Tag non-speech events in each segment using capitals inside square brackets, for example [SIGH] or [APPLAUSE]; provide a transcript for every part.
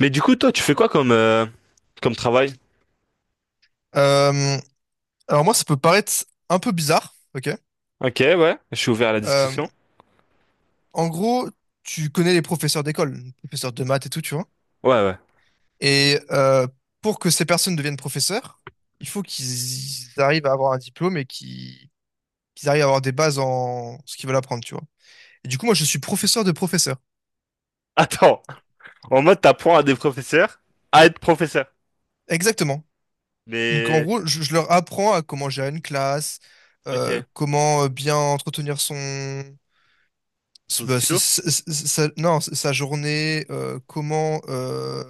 Mais du coup, toi, tu fais quoi comme, comme travail? Euh, alors moi, ça peut paraître un peu bizarre, ok? Ok, ouais, je suis ouvert à la Euh, discussion. En gros, tu connais les professeurs d'école, les professeurs de maths et tout, tu vois. Ouais. Et pour que ces personnes deviennent professeurs, il faut qu'ils arrivent à avoir un diplôme et qu'ils arrivent à avoir des bases en ce qu'ils veulent apprendre, tu vois. Et du coup, moi, je suis professeur de professeurs. Attends, en mode t'apprends à des professeurs à être professeur. Exactement. Donc en Mais, gros, je leur apprends à comment gérer une classe, ok, comment bien entretenir son c'est- sous bah, stylo? C'est- sa- non, c'est sa journée, comment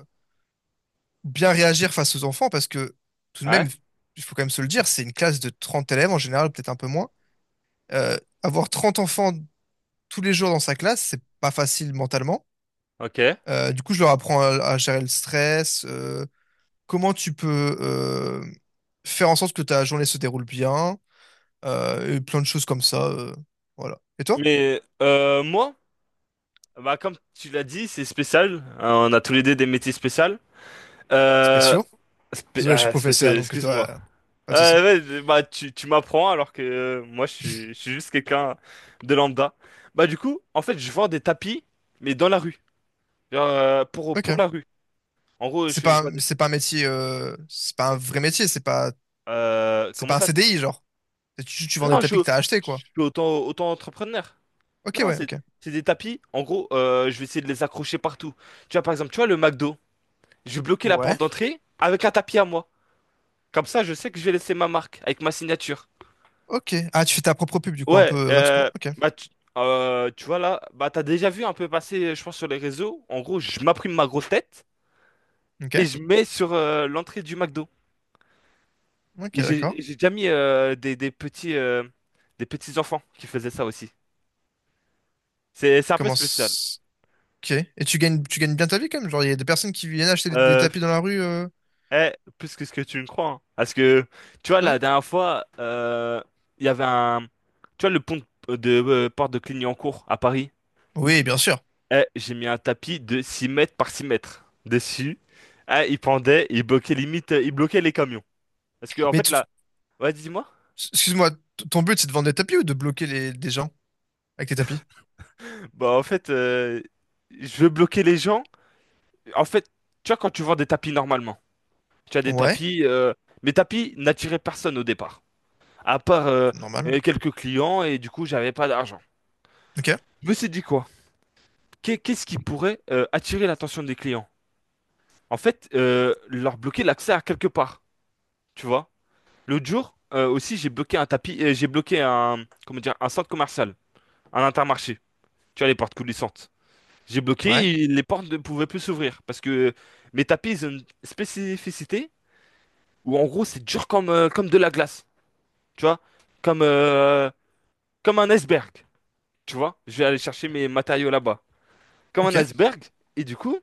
bien réagir face aux enfants, parce que tout de même, Ouais, il faut quand même se le dire, c'est une classe de 30 élèves en général, peut-être un peu moins. Euh, Avoir 30 enfants tous les jours dans sa classe, c'est pas facile mentalement. ok. Du coup, je leur apprends à gérer le stress, comment tu peux faire en sorte que ta journée se déroule bien. Et plein de choses comme ça. Voilà. Et toi? Mais moi, bah, comme tu l'as dit, c'est spécial. On a tous les deux des métiers spéciaux. Euh, Spéciaux? Désolé, je suis professeur, Spécial, donc je dois... excuse-moi. Pas de souci. Ouais, bah, tu m'apprends alors que moi, je suis juste quelqu'un de lambda. Bah, du coup, en fait, je vends des tapis, mais dans la rue. Pour Ok. la rue. En gros, je fais, je vois des- C'est pas un métier... C'est pas un vrai métier, c'est pas... C'est Comment pas un ça? CDI, genre. Tu vends des Non, tapis que t'as achetés, je quoi. suis autant entrepreneur. Ok, Non, ouais, c'est, ok. c'est des tapis. En gros, je vais essayer de les accrocher partout. Tu vois, par exemple, tu vois le McDo. Je vais bloquer la porte Ouais. d'entrée avec un tapis à moi. Comme ça, je sais que je vais laisser ma marque avec ma signature. Ok. Ah, tu fais ta propre pub, du coup, un peu Ouais, gratuitement. Ok. bah, tu vois là, bah, t'as déjà vu un peu passer, je pense, sur les réseaux. En gros, je m'imprime ma grosse tête et Ok. je mets sur l'entrée du McDo. Ok, Et d'accord. j'ai déjà mis des petits enfants qui faisaient ça aussi. C'est un peu Comment... spécial. Ok. Et tu gagnes bien ta vie, quand même? Genre, il y a des personnes qui viennent acheter des Euh, tapis dans la rue... eh, Plus que ce que tu ne crois, hein. Parce que tu vois la Ouais. dernière fois, il y avait un tu vois le pont de Porte de Clignancourt à Paris. Oui, bien sûr. Eh, j'ai mis un tapis de 6 mètres par 6 mètres dessus. Eh, il pendait, il bloquait limite, il bloquait les camions. Parce que en Mais fait là, ouais, dis-moi. excuse-moi, ton but c'est de vendre des tapis ou de bloquer des gens avec tes tapis? Bah en fait, je veux bloquer les gens. En fait, tu vois quand tu vends des tapis normalement. Tu as des Ouais, tapis. Mes tapis n'attiraient personne au départ, à part c'est normal. Quelques clients, et du coup, j'avais pas d'argent. Ok, Je me suis dit quoi? Qu'est-ce qui pourrait attirer l'attention des clients? En fait, leur bloquer l'accès à quelque part, tu vois. L'autre jour, aussi, j'ai bloqué un, comment dire, un centre commercial, un Intermarché. Tu vois, les portes coulissantes. J'ai ouais, bloqué, et les portes ne pouvaient plus s'ouvrir parce que mes tapis ils ont une spécificité où en gros c'est dur comme, comme de la glace, tu vois, comme euh, comme un iceberg, tu vois. Je vais aller chercher mes matériaux là-bas, comme un ok. iceberg. Et du coup,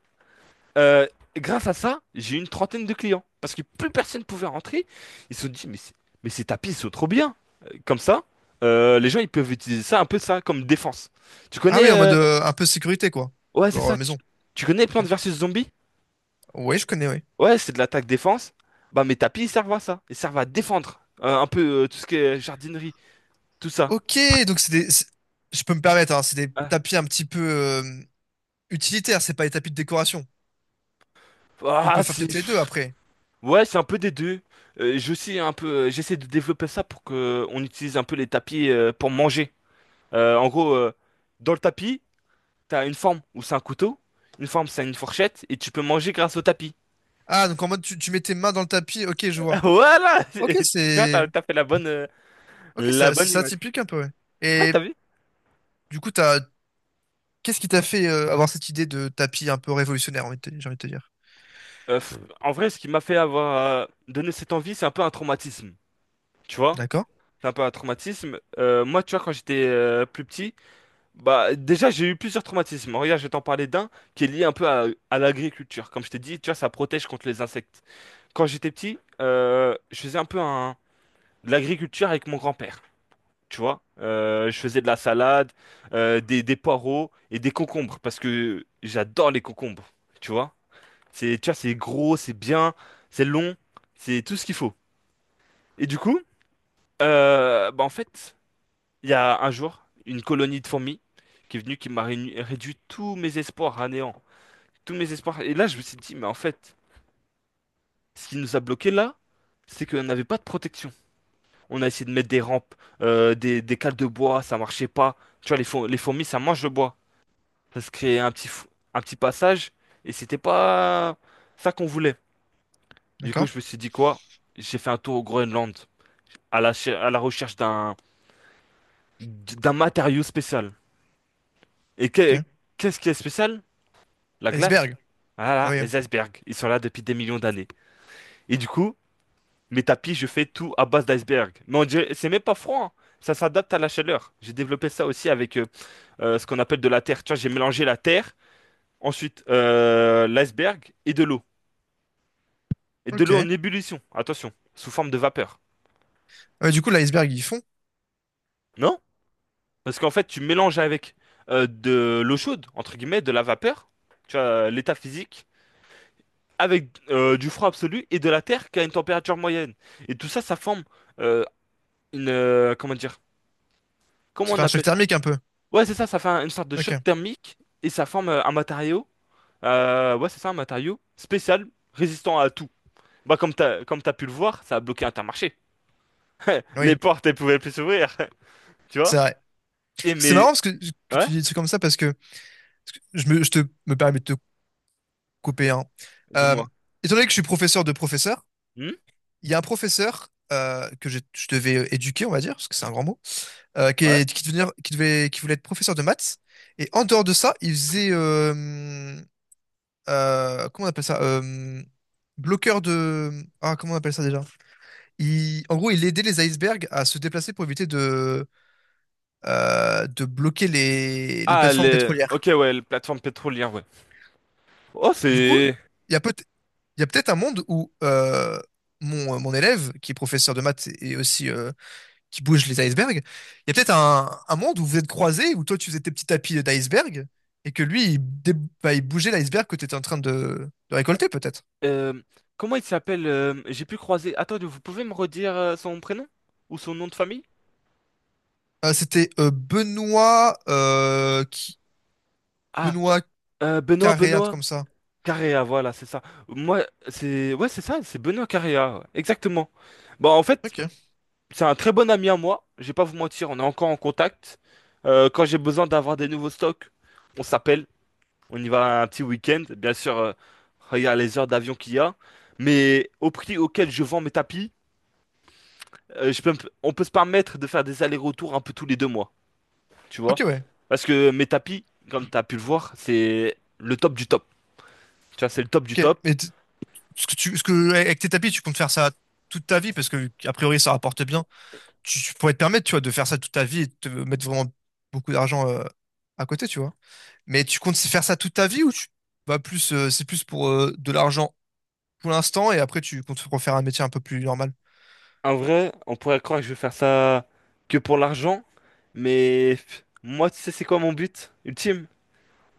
euh, grâce à ça, j'ai eu une trentaine de clients. Parce que plus personne pouvait rentrer. Ils se sont dit, mais, mais ces tapis, ils sont trop bien. Comme ça, les gens, ils peuvent utiliser ça, un peu ça, comme défense. Tu Ah oui, connais... en mode euh, un peu sécurité quoi, Ouais, c'est leur ça. Maison. Tu connais Ok. Plants vs Zombies? Ouais, je connais, oui. Ouais, c'est de l'attaque défense. Bah, mes tapis, ils servent à ça. Ils servent à défendre. Un peu tout ce qui est jardinerie, tout ça. Ok, donc je peux me permettre, hein, c'est des Ah, tapis un petit peu utilitaires, c'est pas des tapis de décoration. On peut faire c'est... peut-être les deux après. Ouais, c'est un peu des deux. Je sais un peu, j'essaie de développer ça pour que on utilise un peu les tapis pour manger. Euh, en gros, euh, Dans le tapis, t'as une forme où c'est un couteau, une forme c'est une fourchette, et tu peux manger grâce au tapis. Ah, donc en mode tu mets tes mains dans le tapis, ok, je [LAUGHS] vois. Voilà! Ok, [LAUGHS] Tu vois, c'est, t'as fait ok, la ça- bonne c'est image. atypique un peu, ouais. Ah, Et t'as vu? du coup, qu'est-ce qui t'a fait avoir cette idée de tapis un peu révolutionnaire, j'ai envie de te dire? En vrai, ce qui m'a fait avoir donné cette envie, c'est un peu un traumatisme. Tu vois? D'accord? C'est un peu un traumatisme. Moi, tu vois, quand j'étais plus petit. Bah, déjà, j'ai eu plusieurs traumatismes. Regarde, je vais t'en parler d'un qui est lié un peu à l'agriculture. Comme je t'ai dit, tu vois, ça protège contre les insectes. Quand j'étais petit, je faisais un peu un, de l'agriculture avec mon grand-père. Tu vois, je faisais de la salade, des poireaux et des concombres parce que j'adore les concombres. Tu vois, tu vois, c'est gros, c'est bien, c'est long, c'est tout ce qu'il faut. Et du coup, en fait, il y a un jour, une colonie de fourmis qui est venue, réduit tous mes espoirs à néant. Tous mes espoirs. Et là, je me suis dit, mais en fait, ce qui nous a bloqués là, c'est qu'on n'avait pas de protection. On a essayé de mettre des rampes, des cales de bois, ça marchait pas. Tu vois, les fourmis, ça mange le bois. Ça se créait un petit passage, et c'était pas ça qu'on voulait. Du coup, D'accord? je me suis dit quoi? J'ai fait un tour au Groenland, à la recherche d'un matériau spécial. Et que- Ok. Qu'est-ce qui est spécial? La glace? Iceberg. Ah Ah là, oui. les icebergs, ils sont là depuis des millions d'années. Et du coup, mes tapis, je fais tout à base d'icebergs. C'est même pas froid, hein. Ça s'adapte à la chaleur. J'ai développé ça aussi avec ce qu'on appelle de la terre. Tu vois, j'ai mélangé la terre, ensuite l'iceberg et de l'eau. Et de Ok. l'eau en ébullition, attention, sous forme de vapeur. Ah ouais, du coup, l'iceberg, ils font. Non? Parce qu'en fait, tu mélanges avec de l'eau chaude, entre guillemets, de la vapeur, tu vois, l'état physique, avec du froid absolu et de la terre qui a une température moyenne. Et tout ça, ça forme euh, une comment dire? Comment Ça fait on un choc appelle ça? thermique un peu. Ouais, c'est ça, une sorte de choc Ok. thermique et ça forme un matériau. Ouais, c'est ça, un matériau spécial, résistant à tout. Bah comme t'as pu le voir, ça a bloqué Intermarché. [LAUGHS] Les Oui. portes, elles pouvaient plus s'ouvrir, [LAUGHS] tu C'est vois? vrai. Et C'est marrant mais parce que ouais, tu dis des trucs comme ça parce que je me, je te, me permets de te couper un. Euh, dis-moi. Étant donné que je suis professeur de professeur, Hmm. il y a un professeur que je devais éduquer, on va dire, parce que c'est un grand mot, qui, Ouais. est- qui, devenir- qui, devait, qui voulait être professeur de maths. Et en dehors de ça, il faisait, comment on appelle ça? Bloqueur de... Ah, comment on appelle ça déjà? En gros, il aidait les icebergs à se déplacer pour éviter de bloquer les Ah plateformes les OK pétrolières. ouais, la plateforme pétrolière, ouais. Oh, Du coup, c'est il y a peut il y a peut-être un monde où mon élève, qui est professeur de maths et aussi qui bouge les icebergs, il y a peut-être un monde où vous êtes croisés, où toi tu faisais tes petits tapis d'iceberg et que lui, il bougeait l'iceberg que tu étais en train de récolter peut-être. euh, comment il s'appelle j'ai pu croiser. Attendez, vous pouvez me redire son prénom ou son nom de famille? C'était Benoît, qui... Ah, Benoît Carré, un truc Benoît. comme ça. Carrea, voilà, c'est ça. Moi, c'est ouais, c'est ça, c'est Benoît Carrea, ouais, exactement. Bon, en fait, Ok, c'est un très bon ami à moi. Je vais pas vous mentir, on est encore en contact. Quand j'ai besoin d'avoir des nouveaux stocks, on s'appelle, on y va un petit week-end. Bien sûr, regarde les heures d'avion qu'il y a, mais au prix auquel je vends mes tapis, euh, je peux, me- on peut se permettre de faire des allers-retours un peu tous les 2 mois, tu vois? ok, ouais. Parce que mes tapis, comme tu as pu le voir, c'est le top du top. Tu vois, c'est le top du Ok. top. Mais t- ce que tu, ce que, Avec tes tapis, tu comptes faire ça toute ta vie parce que, a priori, ça rapporte bien. Tu pourrais te permettre, tu vois, de faire ça toute ta vie et de te mettre vraiment beaucoup d'argent à côté, tu vois. Mais tu comptes faire ça toute ta vie ou c'est plus pour de l'argent pour l'instant et après tu comptes refaire un métier un peu plus normal? En vrai, on pourrait croire que je vais faire ça que pour l'argent, mais pff, moi, tu sais, c'est quoi mon but ultime?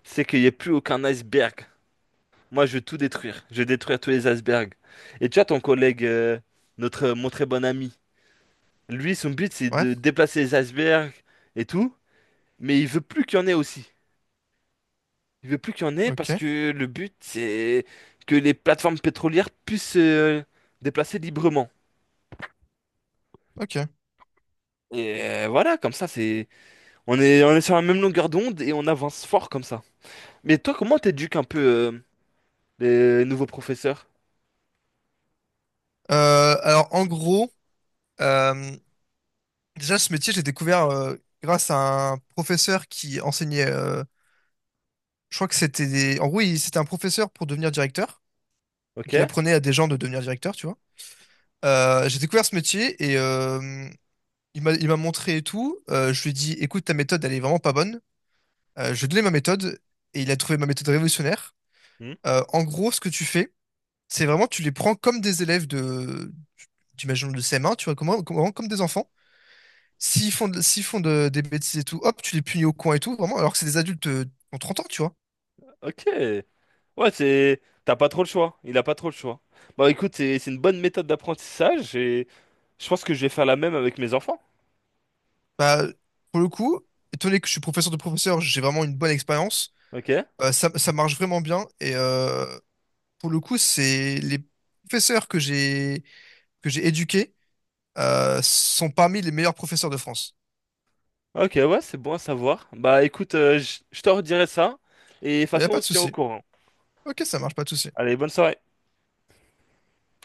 C'est qu'il n'y ait plus aucun iceberg. Moi, je veux tout détruire. Je veux détruire tous les icebergs. Et tu vois, ton collègue, mon très bon ami, lui, son but, c'est de Ouais, déplacer les icebergs et tout, mais il veut plus qu'il y en ait aussi. Il veut plus qu'il y en ait parce ok, que le but, c'est que les plateformes pétrolières puissent, déplacer librement. ok. Et voilà, comme ça, c'est on est sur la même longueur d'onde et on avance fort comme ça. Mais toi, comment t'éduques un peu les nouveaux professeurs? Alors en gros, euh, déjà, ce métier, j'ai découvert grâce à un professeur qui enseignait. Je crois que c'était des. En gros, c'était un professeur pour devenir directeur. Donc, il Ok? apprenait à des gens de devenir directeur, tu vois. J'ai découvert ce métier et il m'a montré et tout. Je lui ai dit, écoute, ta méthode, elle est vraiment pas bonne. Je lui ai donné ma méthode et il a trouvé ma méthode révolutionnaire. Hmm. En gros, ce que tu fais, c'est vraiment, tu les prends comme des élèves de. J'imagine de CM1, tu vois, comme des enfants. S'ils font des bêtises et tout, hop, tu les punis au coin et tout, vraiment, alors que c'est des adultes qui ont 30 ans, tu vois. Ok. Ouais, c'est... T'as pas trop le choix. Il a pas trop le choix. Bah écoute, c'est une bonne méthode d'apprentissage et je pense que je vais faire la même avec mes enfants. Bah, pour le coup, étonné que je suis professeur de professeur, j'ai vraiment une bonne expérience. Ok? Ça marche vraiment bien. Et pour le coup, c'est les professeurs que j'ai éduqués sont parmi les meilleurs professeurs de France. Ok, ouais, c'est bon à savoir. Bah écoute, je te redirai ça et de toute Il n'y a façon, pas on de se tient au souci. courant. Ok, ça marche, pas de souci. Allez, bonne soirée.